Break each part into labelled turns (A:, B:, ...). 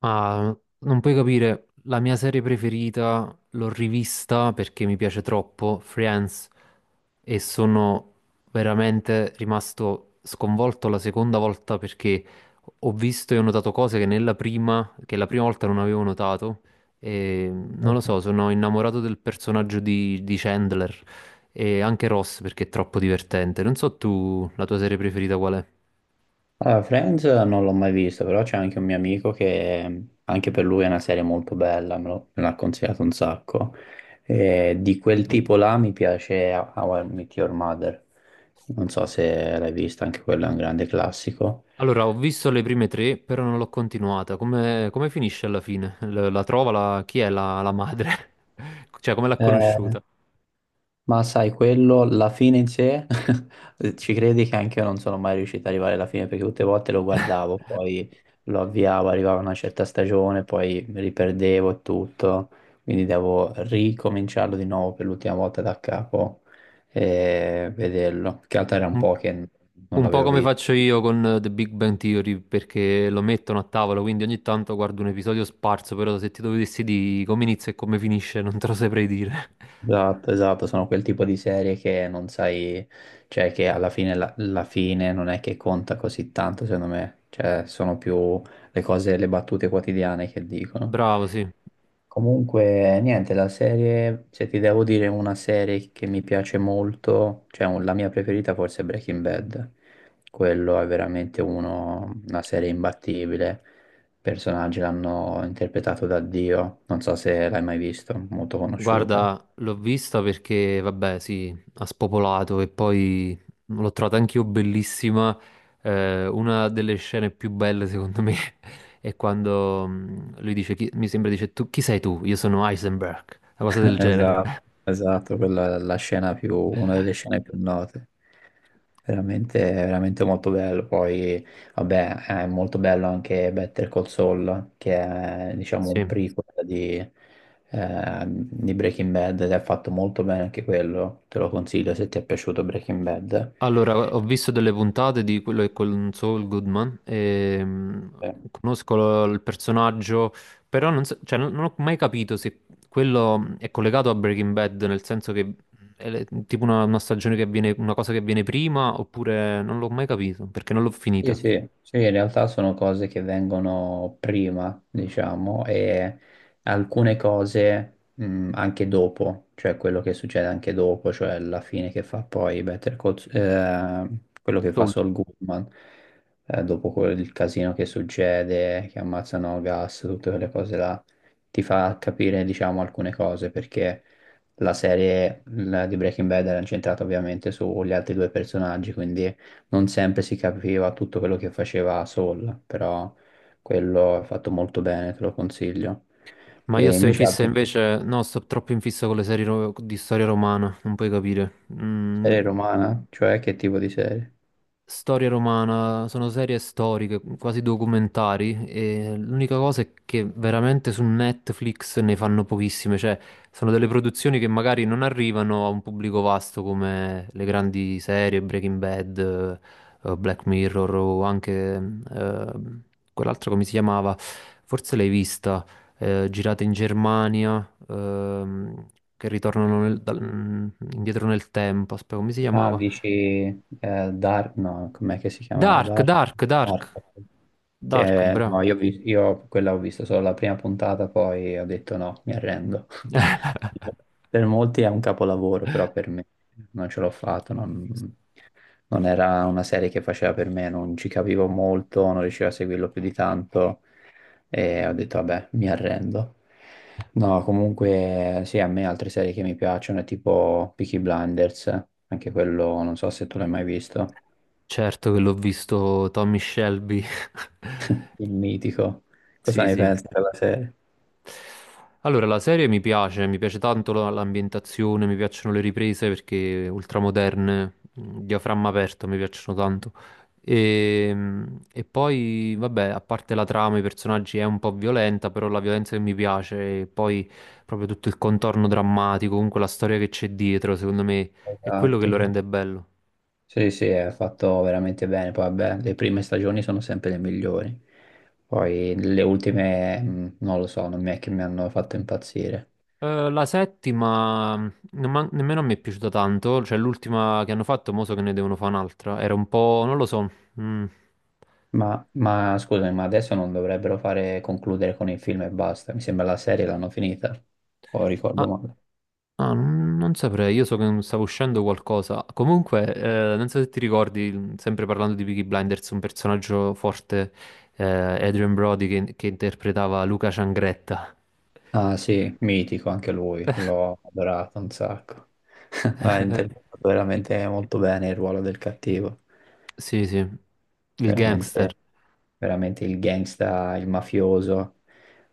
A: Ma non puoi capire, la mia serie preferita l'ho rivista perché mi piace troppo, Friends, e sono veramente rimasto sconvolto la seconda volta perché ho visto e ho notato cose che nella prima, che la prima volta non avevo notato, e non lo so, sono innamorato del personaggio di Chandler e anche Ross perché è troppo divertente. Non so tu, la tua serie preferita qual è?
B: Allora, Friends non l'ho mai visto, però c'è anche un mio amico che anche per lui è una serie molto bella, me l'ha consigliato un sacco. E di quel tipo là mi piace How I Met Your Mother. Non so se l'hai vista, anche quello è un grande classico.
A: Allora, ho visto le prime tre, però non l'ho continuata. Come finisce alla fine? Chi è la madre? Cioè, come l'ha
B: Eh,
A: conosciuta?
B: Ma sai, quello, la fine in sé, ci credi che anche io non sono mai riuscito ad arrivare alla fine perché tutte le volte lo guardavo, poi lo avviavo, arrivava una certa stagione, poi mi riperdevo e tutto, quindi devo ricominciarlo di nuovo per l'ultima volta da capo e vederlo. Che altro era un
A: Un,
B: po' che non
A: un po'
B: l'avevo
A: come
B: visto.
A: faccio io con The Big Bang Theory, perché lo mettono a tavola, quindi ogni tanto guardo un episodio sparso, però se ti dovessi dire come inizia e come finisce non te lo saprei dire.
B: Esatto, esatto, sono quel tipo di serie che non sai, cioè che alla fine, la fine non è che conta così tanto, secondo me, cioè sono più le cose, le battute quotidiane che dicono.
A: Bravo, sì.
B: Comunque, niente, la serie, se ti devo dire una serie che mi piace molto, la mia preferita forse è Breaking Bad, quello è veramente uno, una serie imbattibile, i personaggi l'hanno interpretato da Dio, non so se l'hai mai visto, molto conosciuta.
A: Guarda, l'ho vista perché, vabbè, sì, ha spopolato e poi l'ho trovata anch'io bellissima. Una delle scene più belle, secondo me, è quando lui dice, mi sembra dice, tu, chi sei tu? Io sono Heisenberg, una cosa del genere.
B: Esatto, esatto, quella è la scena più, una delle scene più note. Veramente, veramente molto bello. Poi, vabbè, è molto bello anche Better Call Saul, che è, diciamo, un
A: Sì.
B: prequel di Breaking Bad ed è fatto molto bene anche quello. Te lo consiglio se ti è piaciuto Breaking Bad.
A: Allora, ho visto delle puntate di quello che è con Saul Goodman e
B: Eh.
A: conosco il personaggio, però non, so- cioè, non ho mai capito se quello è collegato a Breaking Bad, nel senso che è tipo una stagione che avviene, una cosa che avviene prima, oppure non l'ho mai capito, perché non l'ho
B: Sì,
A: finita.
B: sì, sì, in realtà sono cose che vengono prima, diciamo, e alcune cose anche dopo, cioè quello che succede anche dopo, cioè la fine che fa poi Better Call, quello che fa
A: Saul.
B: Saul Goodman, dopo quel il casino che succede, che ammazzano Gas, tutte quelle cose là, ti fa capire, diciamo, alcune cose, perché la serie la di Breaking Bad era incentrata ovviamente sugli altri due personaggi, quindi non sempre si capiva tutto quello che faceva Saul, però quello è fatto molto bene, te lo consiglio.
A: Ma io
B: E
A: sto in
B: invece
A: fissa
B: altre
A: invece, no, sto troppo in fissa con le serie di storia romana, non puoi capire.
B: serie romana, cioè che tipo di serie?
A: Storia romana, sono serie storiche, quasi documentari, e l'unica cosa è che veramente su Netflix ne fanno pochissime, cioè sono delle produzioni che magari non arrivano a un pubblico vasto come le grandi serie, Breaking Bad, Black Mirror o anche eh, quell'altra come si chiamava, forse l'hai vista, girata in Germania, che ritornano indietro nel tempo, aspetta, come si
B: Ah,
A: chiamava?
B: dici Dark, no, com'è che si chiamava?
A: Dark,
B: Dark?
A: Dark, Dark,
B: Dark.
A: Dark,
B: Che
A: bravo.
B: no, io quella ho visto solo la prima puntata, poi ho detto no, mi arrendo. Per molti è un capolavoro, però per me non ce l'ho fatto. Non, non era una serie che faceva per me, non ci capivo molto, non riuscivo a seguirlo più di tanto e ho detto vabbè, mi arrendo. No, comunque sì, a me altre serie che mi piacciono è tipo Peaky Blinders, anche quello non so se tu l'hai mai visto,
A: Certo che l'ho visto Tommy Shelby.
B: il mitico. Cosa
A: Sì,
B: ne
A: sì.
B: pensi della serie?
A: Allora, la serie mi piace tanto l'ambientazione, mi piacciono le riprese perché ultramoderne, diaframma aperto, mi piacciono tanto. E poi, vabbè, a parte la trama, i personaggi è un po' violenta, però la violenza che mi piace, e poi proprio tutto il contorno drammatico, comunque la storia che c'è dietro, secondo me è quello che
B: Esatto,
A: lo
B: sì.
A: rende bello.
B: Sì, sì, è fatto veramente bene. Poi, vabbè, le prime stagioni sono sempre le migliori. Poi le ultime, non lo so, non mi è che mi hanno fatto impazzire.
A: La settima nemmeno a me è piaciuta tanto, cioè l'ultima che hanno fatto, mo so che ne devono fare un'altra, era un po', non lo so. Mm.
B: Ma scusami, ma adesso non dovrebbero fare concludere con il film e basta. Mi sembra la serie l'hanno finita, o ricordo
A: Ah,
B: male.
A: ah, non saprei, io so che non stava uscendo qualcosa. Comunque, non so se ti ricordi, sempre parlando di Peaky Blinders, un personaggio forte, eh, Adrian Brody, che interpretava Luca Ciangretta.
B: Ah sì, mitico anche lui, l'ho adorato un sacco. Ha interpretato veramente molto bene il ruolo del cattivo,
A: Sì, sì, il gangster.
B: veramente, veramente il gangsta, il mafioso.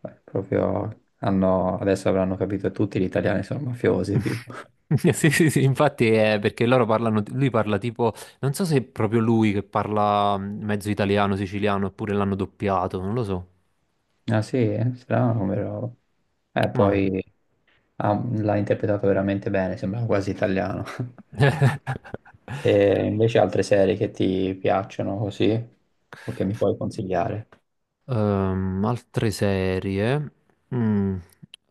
B: Beh, proprio hanno, adesso avranno capito tutti gli italiani sono mafiosi, tipo.
A: Sì, sì, sì, infatti è perché loro parlano, lui parla tipo, non so se è proprio lui che parla mezzo italiano, siciliano, oppure l'hanno doppiato, non lo so.
B: Ah sì, eh? Strano come roba.
A: Ma...
B: Poi l'ha interpretato veramente bene, sembrava quasi italiano. E invece altre serie che ti piacciono così o che mi puoi consigliare?
A: Altre serie. Mm,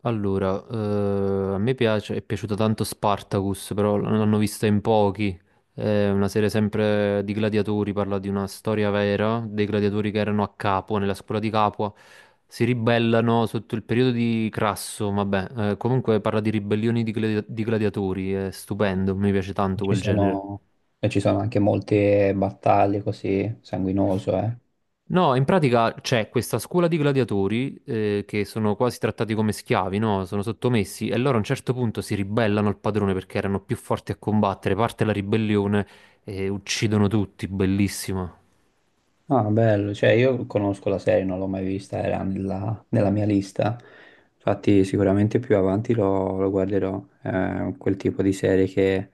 A: Allora, a me piace, è piaciuta tanto Spartacus, però l'hanno vista in pochi. È una serie sempre di gladiatori, parla di una storia vera, dei gladiatori che erano a Capua, nella scuola di Capua, si ribellano sotto il periodo di Crasso, vabbè, comunque parla di ribellioni di gladiatori, è stupendo, mi piace tanto
B: Ci
A: quel genere.
B: sono, e ci sono anche molte battaglie così, sanguinoso, eh.
A: No, in pratica c'è questa scuola di gladiatori che sono quasi trattati come schiavi, no? Sono sottomessi e loro a un certo punto si ribellano al padrone perché erano più forti a combattere, parte la ribellione e uccidono tutti, bellissimo.
B: Ah, bello, cioè io conosco la serie, non l'ho mai vista, era nella mia lista, infatti sicuramente più avanti lo guarderò, quel tipo di serie che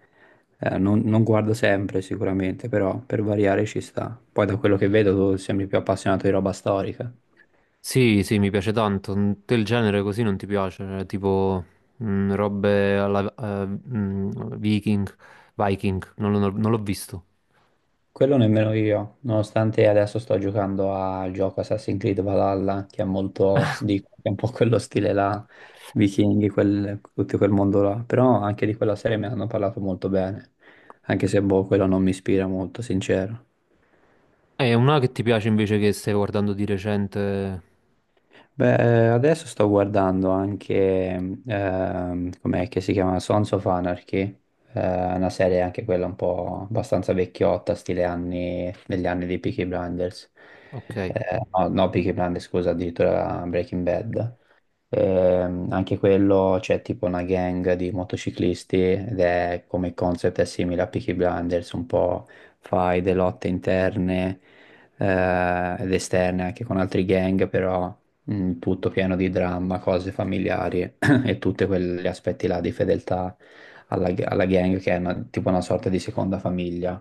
B: non guardo sempre sicuramente, però per variare ci sta. Poi da quello che vedo tu sembri più appassionato di roba storica.
A: Sì, sì, mi piace tanto. Te il genere così non ti piace, tipo robe alla Viking, Viking, non l'ho visto.
B: Quello nemmeno io, nonostante adesso sto giocando al gioco Assassin's Creed Valhalla, che è molto, dico, che è un po' quello stile là, vichinghi, tutto quel mondo là, però anche di quella serie mi hanno parlato molto bene, anche se boh, quello non mi ispira molto, sincero.
A: È una che ti piace invece che stai guardando di recente.
B: Beh, adesso sto guardando anche, com'è che si chiama? Sons of Anarchy, una serie anche quella un po' abbastanza vecchiotta, stile anni, negli anni di Peaky Blinders.
A: Ok.
B: No, no, Peaky Blinders, scusa, addirittura Breaking Bad. Anche quello c'è tipo una gang di motociclisti ed è come concept è simile a Peaky Blinders, un po' fai delle lotte interne ed esterne anche con altri gang, però tutto pieno di dramma, cose familiari e tutti quegli aspetti là di fedeltà alla gang che è tipo una sorta di seconda famiglia.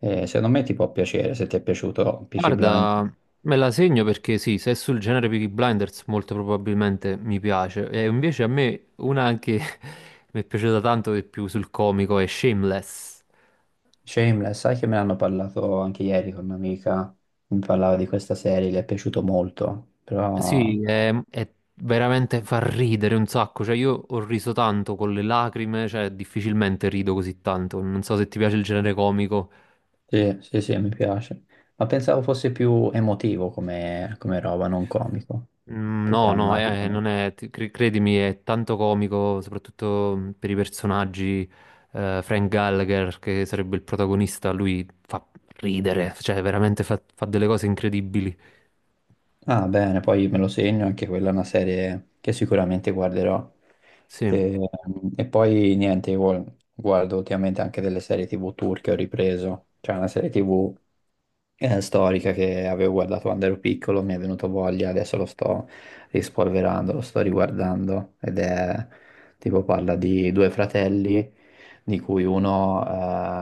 B: Secondo me ti può piacere, se ti è piaciuto Peaky Blinders.
A: Guarda, me la segno perché sì, se è sul genere Peaky Blinders molto probabilmente mi piace. E invece a me una che mi è piaciuta tanto di più sul comico è Shameless.
B: Shameless, sai che me l'hanno parlato anche ieri con un'amica, mi parlava di questa serie, le è piaciuto molto, però
A: Sì, è veramente fa ridere un sacco. Cioè, io ho riso tanto con le lacrime, cioè difficilmente rido così tanto. Non so se ti piace il genere comico.
B: sì, sì, sì, mi piace. Ma pensavo fosse più emotivo come roba, non comico, più
A: No, no,
B: drammatico.
A: non è, credimi, è tanto comico, soprattutto per i personaggi. Eh, Frank Gallagher, che sarebbe il protagonista, lui fa ridere, cioè veramente fa delle cose incredibili.
B: Ah, bene, poi me lo segno, anche quella è una serie che sicuramente guarderò.
A: Sì,
B: E, e poi niente, io guardo ultimamente anche delle serie TV turche, ho ripreso, c'è una serie TV storica che avevo guardato quando ero piccolo, mi è venuto voglia, adesso lo sto rispolverando, lo sto riguardando ed è tipo parla di due fratelli di cui uno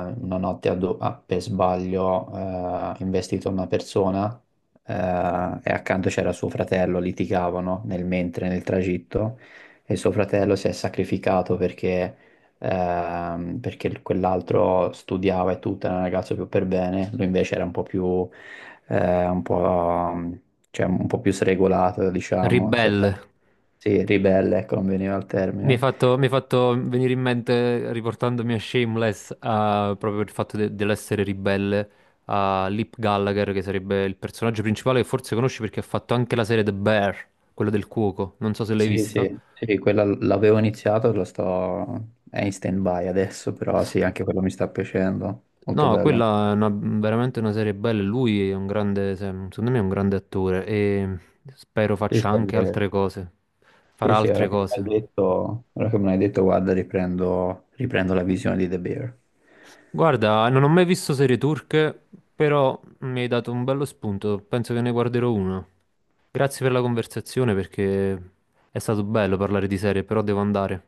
B: una notte ha per sbaglio investito una persona e accanto c'era suo fratello, litigavano nel mentre, nel tragitto e suo fratello si è sacrificato perché perché quell'altro studiava e tutto, era un ragazzo più per bene, lui invece era un po' più, un po', cioè, un po' più sregolato, diciamo,
A: ribelle.
B: sì, ribelle, ecco, non veniva il termine.
A: Mi hai fatto venire in mente, riportandomi a Shameless, proprio il fatto dell'essere ribelle, a Lip Gallagher, che sarebbe il personaggio principale che forse conosci perché ha fatto anche la serie The Bear, quella del cuoco. Non so se l'hai
B: Sì,
A: vista.
B: sì, sì, quella l'avevo iniziato, lo sto, è in stand-by adesso, però sì, anche quello mi sta piacendo, molto
A: No,
B: bello.
A: quella è veramente una serie bella. Lui è un grande, secondo me è un grande attore e spero
B: Sì, sì,
A: faccia
B: è
A: anche
B: vero.
A: altre cose.
B: Sì,
A: Farà
B: sì,
A: altre
B: ora che me l'hai
A: cose.
B: detto, ora che me l'hai detto, guarda, riprendo, riprendo la visione di The Bear.
A: Guarda, non ho mai visto serie turche, però mi hai dato un bello spunto. Penso che ne guarderò una. Grazie per la conversazione perché è stato bello parlare di serie, però devo andare.